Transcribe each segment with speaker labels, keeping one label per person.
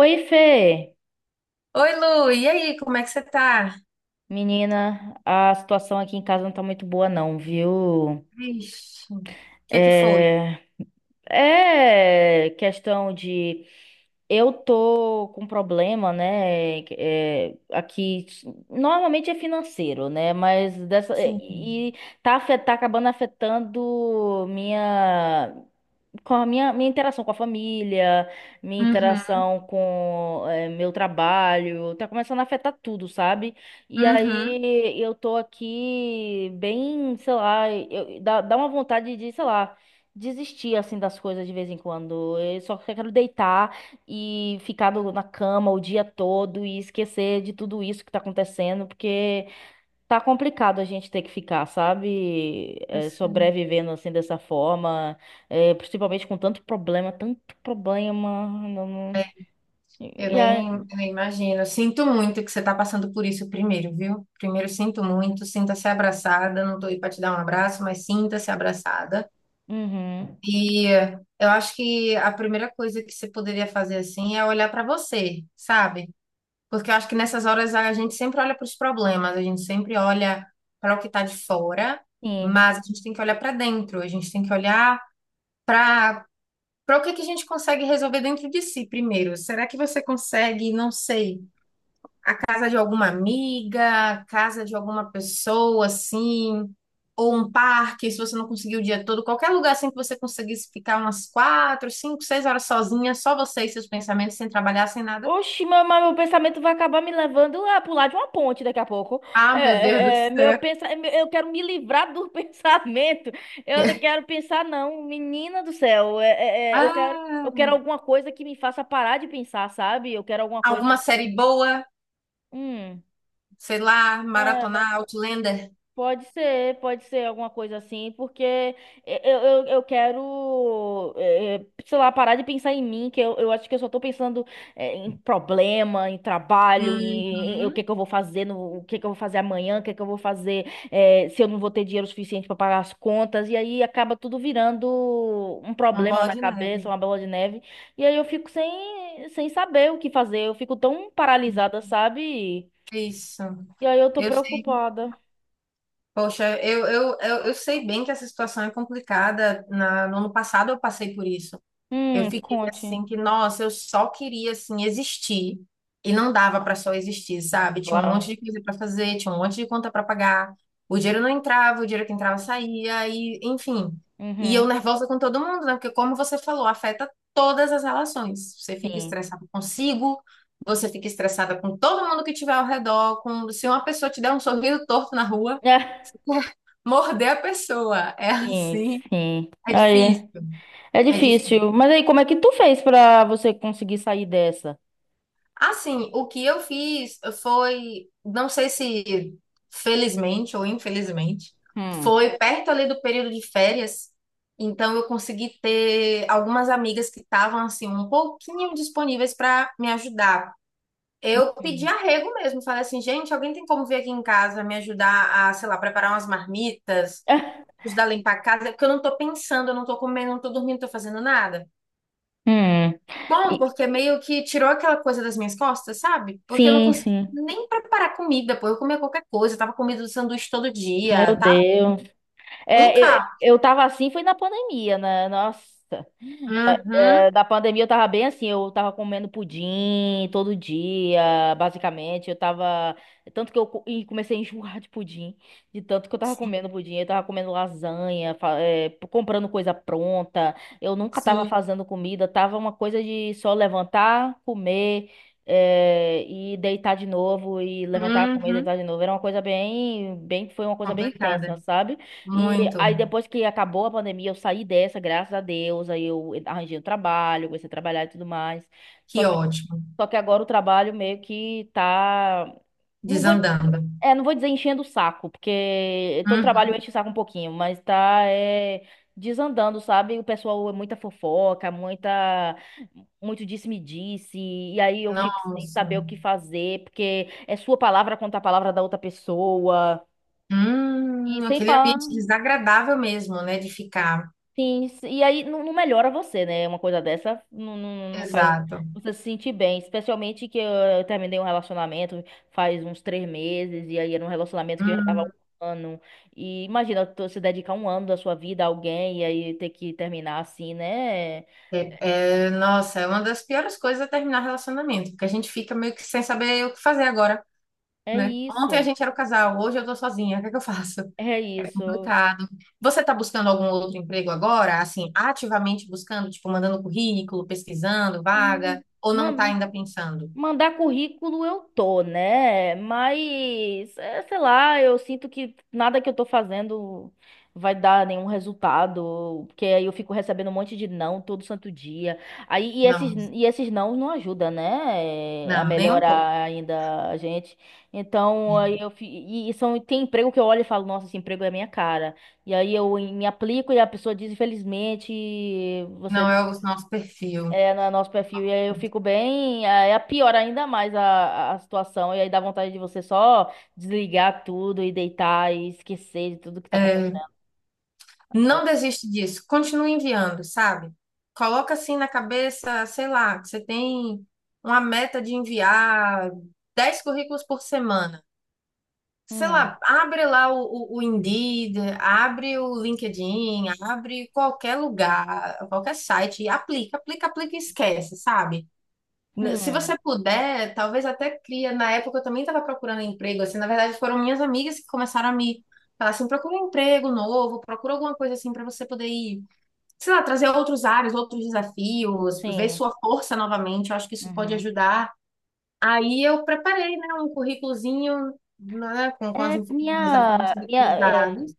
Speaker 1: Oi, Fê.
Speaker 2: Oi, Lu, e aí, como é que você tá?
Speaker 1: Menina, a situação aqui em casa não tá muito boa, não, viu?
Speaker 2: Vixe, o que é que foi?
Speaker 1: É, é questão de. Eu tô com problema, né? É, aqui. Normalmente é financeiro, né? Mas dessa.
Speaker 2: Sim.
Speaker 1: E tá, tá acabando afetando minha. Com a minha interação com a família, minha
Speaker 2: Uhum,
Speaker 1: interação com meu trabalho, tá começando a afetar tudo, sabe? E
Speaker 2: uhum.
Speaker 1: aí eu tô aqui bem, sei lá, dá uma vontade de, sei lá, desistir assim das coisas de vez em quando. Eu só quero deitar e ficar na cama o dia todo e esquecer de tudo isso que tá acontecendo, porque. Tá complicado a gente ter que ficar, sabe?
Speaker 2: Eu
Speaker 1: É,
Speaker 2: sei.
Speaker 1: sobrevivendo assim dessa forma, é, principalmente com tanto problema, tanto problema. Não,
Speaker 2: Eu
Speaker 1: E aí,
Speaker 2: nem, eu nem imagino. Eu sinto muito que você tá passando por isso primeiro, viu? Primeiro, sinto muito, sinta-se abraçada. Não tô aí pra te dar um abraço, mas sinta-se abraçada.
Speaker 1: uhum,
Speaker 2: E eu acho que a primeira coisa que você poderia fazer assim é olhar pra você, sabe? Porque eu acho que nessas horas a gente sempre olha para os problemas, a gente sempre olha para o que está de fora,
Speaker 1: sim.
Speaker 2: mas a gente tem que olhar para dentro, a gente tem que olhar para para o que que a gente consegue resolver dentro de si primeiro. Será que você consegue, não sei, casa de alguma amiga, casa de alguma pessoa assim, ou um parque, se você não conseguir o dia todo, qualquer lugar assim que você conseguisse ficar umas 4, 5, 6 horas sozinha, só você e seus pensamentos, sem trabalhar, sem nada?
Speaker 1: Oxi, meu, mas meu pensamento vai acabar me levando a pular de uma ponte daqui a pouco.
Speaker 2: Ah, meu Deus do
Speaker 1: Meu
Speaker 2: céu!
Speaker 1: Eu quero me livrar do pensamento. Eu não quero pensar, não. Menina do céu, eu quero, eu
Speaker 2: Ah!
Speaker 1: quero alguma coisa que me faça parar de pensar, sabe? Eu quero alguma coisa.
Speaker 2: Alguma série boa?
Speaker 1: Hum.
Speaker 2: Sei lá,
Speaker 1: É.
Speaker 2: maratonar Outlander?
Speaker 1: Pode ser alguma coisa assim, porque eu quero, sei lá, parar de pensar em mim, que eu acho que eu só tô pensando, em problema, em trabalho, em o
Speaker 2: Uhum.
Speaker 1: que que eu vou fazer, no, o que que eu vou fazer amanhã, o que que eu vou fazer, se eu não vou ter dinheiro suficiente para pagar as contas, e aí acaba tudo virando um
Speaker 2: Uma
Speaker 1: problema
Speaker 2: bola
Speaker 1: na
Speaker 2: de
Speaker 1: cabeça,
Speaker 2: neve.
Speaker 1: uma bola de neve, e aí eu fico sem saber o que fazer, eu fico tão paralisada, sabe?
Speaker 2: Isso.
Speaker 1: E aí eu tô
Speaker 2: Eu sei.
Speaker 1: preocupada.
Speaker 2: Poxa, eu sei bem que essa situação é complicada. No ano passado eu passei por isso. Eu fiquei
Speaker 1: Conte.
Speaker 2: assim que, nossa, eu só queria assim existir e não dava para só existir, sabe? Tinha um monte
Speaker 1: Claro.
Speaker 2: de coisa para fazer, tinha um monte de conta para pagar. O dinheiro não entrava, o dinheiro que entrava saía e, enfim. E eu
Speaker 1: Uhum.
Speaker 2: nervosa com todo mundo, né? Porque como você falou, afeta todas as relações. Você fica
Speaker 1: Sim.
Speaker 2: estressada consigo, você fica estressada com todo mundo que tiver ao redor, com se uma pessoa te der um sorriso torto na rua, morder a pessoa. É
Speaker 1: É, sim,
Speaker 2: assim,
Speaker 1: sim.
Speaker 2: é difícil,
Speaker 1: Aí, é
Speaker 2: é difícil.
Speaker 1: difícil. Mas aí, como é que tu fez pra você conseguir sair dessa?
Speaker 2: Assim, o que eu fiz foi, não sei se felizmente ou infelizmente,
Speaker 1: Hum.
Speaker 2: foi perto ali do período de férias. Então eu consegui ter algumas amigas que estavam assim um pouquinho disponíveis para me ajudar. Eu pedi
Speaker 1: Hum.
Speaker 2: arrego mesmo, falei assim, gente, alguém tem como vir aqui em casa me ajudar a, sei lá, preparar umas marmitas,
Speaker 1: É.
Speaker 2: ajudar a limpar a casa, porque eu não tô pensando, eu não tô comendo, não tô dormindo, não tô fazendo nada.
Speaker 1: Hum.
Speaker 2: Bom,
Speaker 1: E-
Speaker 2: porque meio que tirou aquela coisa das minhas costas, sabe? Porque eu não
Speaker 1: Sim,
Speaker 2: consegui
Speaker 1: sim.
Speaker 2: nem preparar comida, pô. Eu comia qualquer coisa, eu tava comendo um sanduíche todo
Speaker 1: Meu
Speaker 2: dia, tava
Speaker 1: Deus.
Speaker 2: um
Speaker 1: É, eu,
Speaker 2: carro.
Speaker 1: eu tava assim, foi na pandemia, né? Nossa.
Speaker 2: Uhum,
Speaker 1: É, da pandemia eu tava bem assim, eu tava comendo pudim todo dia, basicamente. Eu tava. Tanto que eu co- e comecei a enjoar de pudim, de tanto que eu tava
Speaker 2: sim,
Speaker 1: comendo pudim. Eu tava comendo lasanha, comprando coisa pronta. Eu nunca tava
Speaker 2: sim.
Speaker 1: fazendo comida, tava uma coisa de só levantar, comer, e deitar de novo, e levantar, comer,
Speaker 2: Uhum.
Speaker 1: deitar de novo. Era uma coisa bem, bem, foi uma coisa bem tensa,
Speaker 2: Complicada.
Speaker 1: sabe? E
Speaker 2: Muito.
Speaker 1: aí depois que acabou a pandemia, eu saí dessa, graças a Deus, aí eu arranjei um trabalho, comecei a trabalhar e tudo mais. Só
Speaker 2: Que
Speaker 1: que,
Speaker 2: ótimo.
Speaker 1: só que agora o trabalho meio que tá... Não vou,
Speaker 2: Desandando.
Speaker 1: não vou dizer enchendo o saco, porque todo trabalho
Speaker 2: Uhum.
Speaker 1: enche o saco um pouquinho, mas tá desandando, sabe? O pessoal é muita fofoca, muita, muito disse-me-disse, e aí eu fico sem
Speaker 2: Nossa.
Speaker 1: saber o que fazer, porque é sua palavra contra a palavra da outra pessoa. E sem
Speaker 2: Aquele
Speaker 1: falar
Speaker 2: ambiente desagradável mesmo, né, de ficar.
Speaker 1: sim, sim, e aí não melhora você, né? Uma coisa dessa não, não, não faz
Speaker 2: Exato.
Speaker 1: você se sentir bem. Especialmente que eu terminei um relacionamento faz uns 3 meses, e aí era um relacionamento que eu já tava há um
Speaker 2: Hum.
Speaker 1: ano. E imagina tu se dedicar um ano da sua vida a alguém e aí ter que terminar assim, né?
Speaker 2: É, é, nossa, é uma das piores coisas é terminar relacionamento, porque a gente fica meio que sem saber o que fazer agora.
Speaker 1: É
Speaker 2: Né? Ontem a
Speaker 1: isso,
Speaker 2: gente era o casal, hoje eu tô sozinha, o que é que eu faço?
Speaker 1: é isso.
Speaker 2: Complicado. Você tá buscando algum outro emprego agora? Assim, ativamente buscando, tipo, mandando currículo, pesquisando
Speaker 1: Hum,
Speaker 2: vaga, ou
Speaker 1: ma-
Speaker 2: não tá ainda pensando?
Speaker 1: mandar currículo eu tô, né? Mas, sei lá, eu sinto que nada que eu tô fazendo vai dar nenhum resultado, porque aí eu fico recebendo um monte de não todo santo dia. Aí, e esses,
Speaker 2: Não,
Speaker 1: e esses não ajudam, né? A
Speaker 2: não, nem um pouco.
Speaker 1: melhorar ainda a gente. Então, e são, tem emprego que eu olho e falo, nossa, esse emprego é a minha cara. E aí eu me aplico e a pessoa diz, infelizmente, você
Speaker 2: Não é o nosso perfil.
Speaker 1: no nosso perfil. E aí eu fico bem. Aí é pior ainda mais a situação. E aí dá vontade de você só desligar tudo e deitar e esquecer de tudo que tá acontecendo. É,
Speaker 2: Não desiste disso. Continue enviando, sabe? Coloca assim na cabeça, sei lá, que você tem uma meta de enviar 10 currículos por semana. Sei
Speaker 1: hum,
Speaker 2: lá, abre lá o Indeed, abre o LinkedIn, abre qualquer lugar, qualquer site, e aplica, aplica, aplica e esquece, sabe? Se
Speaker 1: hum,
Speaker 2: você puder, talvez até cria. Na época eu também estava procurando emprego, assim, na verdade foram minhas amigas que começaram a me falar assim, procura um emprego novo, procura alguma coisa assim para você poder ir, sei lá, trazer outros áreas, outros desafios, ver
Speaker 1: sim.
Speaker 2: sua força novamente. Eu acho que isso pode
Speaker 1: Uhum.
Speaker 2: ajudar. Aí eu preparei, né, um currículozinho, né, com, com as,
Speaker 1: É,
Speaker 2: info- com as informações
Speaker 1: minha, é,
Speaker 2: utilizadas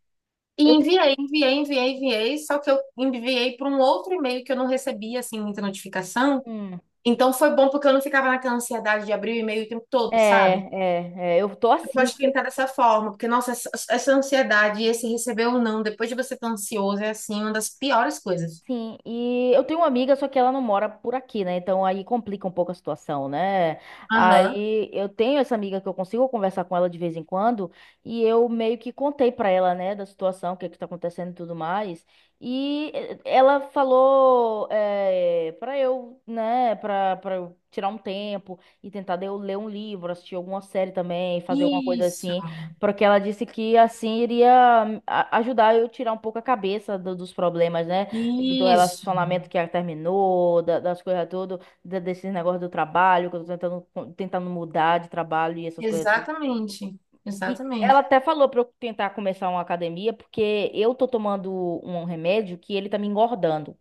Speaker 2: e
Speaker 1: eu tenho,
Speaker 2: enviei, enviei, enviei, enviei, só que eu enviei para um outro e-mail que eu não recebia, assim, muita notificação.
Speaker 1: hum,
Speaker 2: Então foi bom porque eu não ficava naquela ansiedade de abrir o e-mail o tempo todo, sabe?
Speaker 1: é, eu tô
Speaker 2: Eu
Speaker 1: assim.
Speaker 2: Pode tentar dessa forma, porque, nossa, essa ansiedade, esse receber ou não, depois de você estar ansioso, é, assim, uma das piores coisas.
Speaker 1: Sim, e eu tenho uma amiga, só que ela não mora por aqui, né? Então aí complica um pouco a situação, né?
Speaker 2: Aham.
Speaker 1: Aí eu tenho essa amiga que eu consigo conversar com ela de vez em quando, e eu meio que contei pra ela, né, da situação, o que é que tá acontecendo e tudo mais. E ela falou para eu, né, pra eu tirar um tempo e tentar de eu ler um livro, assistir alguma série também, fazer alguma coisa
Speaker 2: Isso,
Speaker 1: assim, porque ela disse que assim iria ajudar eu tirar um pouco a cabeça dos problemas, né? Do
Speaker 2: isso,
Speaker 1: relacionamento que ela terminou, das coisas tudo, desses negócios do trabalho, que eu tô tentando mudar de trabalho e essas coisas tudo.
Speaker 2: exatamente,
Speaker 1: E ela
Speaker 2: exatamente.
Speaker 1: até falou pra eu tentar começar uma academia, porque eu tô tomando um remédio que ele tá me engordando.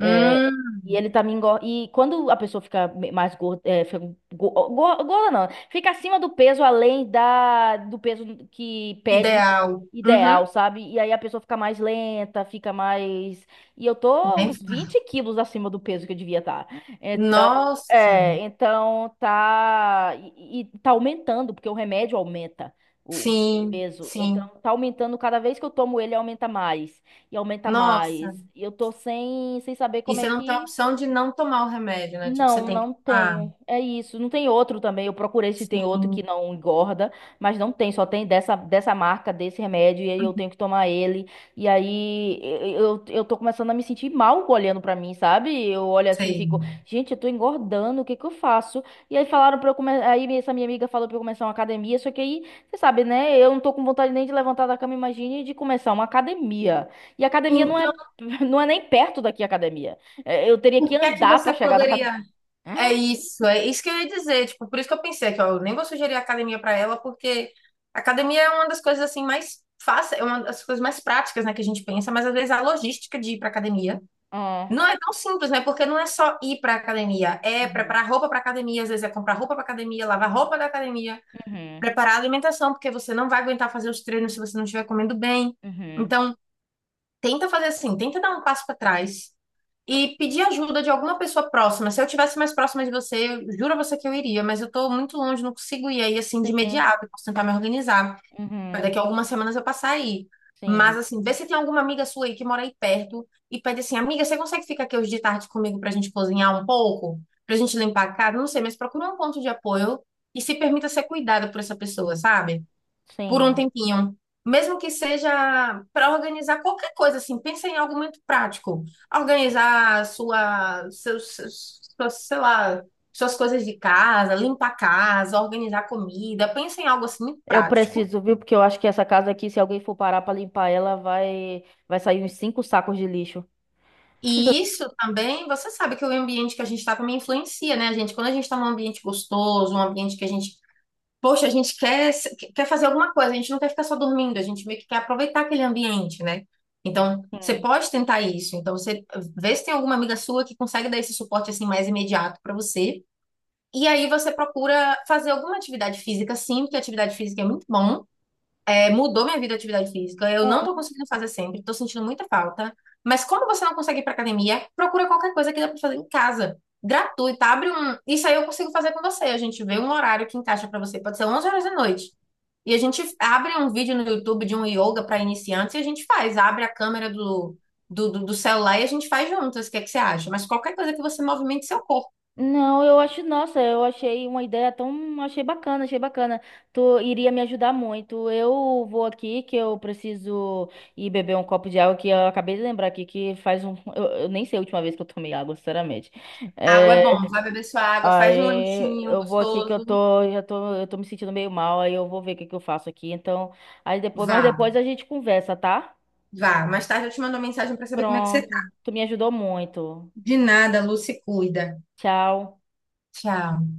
Speaker 1: É, e ele também engorda. E quando a pessoa fica mais gorda, fica gorda não, fica acima do peso, além da do peso que pede
Speaker 2: Ideal.
Speaker 1: ideal,
Speaker 2: Uhum.
Speaker 1: sabe? E aí a pessoa fica mais lenta, fica mais. E eu tô
Speaker 2: Bem-
Speaker 1: uns 20 quilos acima do peso que eu devia estar.
Speaker 2: Nossa,
Speaker 1: É, então tá, e tá aumentando, porque o remédio aumenta o
Speaker 2: sim,
Speaker 1: peso.
Speaker 2: sim.
Speaker 1: Então tá aumentando cada vez que eu tomo ele aumenta
Speaker 2: Nossa.
Speaker 1: mais. E eu tô sem saber
Speaker 2: E
Speaker 1: como é
Speaker 2: você não tem a
Speaker 1: que.
Speaker 2: opção de não tomar o remédio, né? Tipo, você
Speaker 1: Não,
Speaker 2: tem que
Speaker 1: não
Speaker 2: tomar.
Speaker 1: tenho. É isso. Não tem outro também. Eu procurei se tem outro
Speaker 2: Sim,
Speaker 1: que não engorda, mas não tem. Só tem dessa marca, desse remédio, e aí eu tenho que tomar ele. E aí eu tô começando a me sentir mal olhando pra mim, sabe? Eu olho assim e
Speaker 2: sei.
Speaker 1: fico, gente, eu tô engordando, o que que eu faço? E aí falaram pra eu começar. Aí essa minha amiga falou pra eu começar uma academia, só que aí, você sabe, né? Eu não tô com vontade nem de levantar da cama, imagine de começar uma academia. E academia não é,
Speaker 2: Então,
Speaker 1: não é nem perto daqui a academia. É, eu teria que
Speaker 2: o que é que
Speaker 1: andar pra
Speaker 2: você
Speaker 1: chegar na
Speaker 2: poderia.
Speaker 1: ah,
Speaker 2: É isso que eu ia dizer. Tipo, por isso que eu pensei que ó, eu nem vou sugerir a academia para ela, porque a academia é uma das coisas assim mais fáceis, é uma das coisas mais práticas, né, que a gente pensa, mas às vezes a logística de ir para academia.
Speaker 1: é.
Speaker 2: Não é tão simples, né? Porque não é só ir para academia, é
Speaker 1: Uhum.
Speaker 2: preparar roupa para academia, às vezes é comprar roupa para academia, lavar roupa da academia,
Speaker 1: Uhum.
Speaker 2: preparar a alimentação, porque você não vai aguentar fazer os treinos se você não estiver comendo bem.
Speaker 1: Uhum.
Speaker 2: Então, tenta fazer assim, tenta dar um passo para trás e pedir ajuda de alguma pessoa próxima. Se eu tivesse mais próxima de você, eu juro a você que eu iria, mas eu tô muito longe, não consigo ir aí assim de
Speaker 1: Sim.
Speaker 2: imediato, posso tentar me organizar.
Speaker 1: Uhum.
Speaker 2: Daqui a algumas semanas eu passar aí. Mas,
Speaker 1: Sim.
Speaker 2: assim, vê se tem alguma amiga sua aí que mora aí perto e pede assim: amiga, você consegue ficar aqui hoje de tarde comigo pra gente cozinhar um pouco? Pra gente limpar a casa? Não sei, mas procura um ponto de apoio e se permita ser cuidada por essa pessoa, sabe? Por um
Speaker 1: Sim.
Speaker 2: tempinho. Mesmo que seja para organizar qualquer coisa, assim, pensa em algo muito prático. Organizar sua, seus, seus, seus, sei lá, suas coisas de casa, limpar a casa, organizar comida. Pensa em algo assim muito
Speaker 1: Eu
Speaker 2: prático.
Speaker 1: preciso, viu? Porque eu acho que essa casa aqui, se alguém for parar pra limpar ela, vai sair uns cinco sacos de lixo.
Speaker 2: E isso também, você sabe que o ambiente que a gente está também influencia, né, gente? Quando a gente está num ambiente gostoso, um ambiente que a gente, poxa, a gente quer, quer fazer alguma coisa, a gente não quer ficar só dormindo, a gente meio que quer aproveitar aquele ambiente, né? Então, você
Speaker 1: Sim.
Speaker 2: pode tentar isso. Então, você vê se tem alguma amiga sua que consegue dar esse suporte assim mais imediato para você. E aí você procura fazer alguma atividade física, sim, porque atividade física é muito bom. É, mudou minha vida a atividade física. Eu
Speaker 1: Ó.
Speaker 2: não tô conseguindo fazer sempre, tô sentindo muita falta. Mas como você não consegue ir pra academia, procura qualquer coisa que dá pra fazer em casa. Gratuita, abre um. Isso aí eu consigo fazer com você. A gente vê um horário que encaixa pra você. Pode ser 11 horas da noite. E a gente abre um vídeo no YouTube de um yoga pra iniciantes e a gente faz. Abre a câmera do celular e a gente faz juntas. O que é que você acha? Mas qualquer coisa que você movimente seu corpo.
Speaker 1: Não, eu acho, nossa, eu achei uma ideia tão, achei bacana, achei bacana. Tu iria me ajudar muito. Eu vou aqui que eu preciso ir beber um copo de água que eu acabei de lembrar aqui que faz eu nem sei a última vez que eu tomei água, sinceramente.
Speaker 2: Água é
Speaker 1: É,
Speaker 2: bom, vai beber sua água, faz um
Speaker 1: aí
Speaker 2: lanchinho
Speaker 1: eu vou aqui que eu
Speaker 2: gostoso.
Speaker 1: tô, já tô, eu tô me sentindo meio mal, aí eu vou ver o que que eu faço aqui. Então, aí depois, mas
Speaker 2: Vá,
Speaker 1: depois a gente conversa, tá?
Speaker 2: vá. Mais tarde eu te mando uma mensagem pra saber como é que você.
Speaker 1: Pronto. Tu me ajudou muito.
Speaker 2: De nada, Lu, se cuida.
Speaker 1: Tchau.
Speaker 2: Tchau.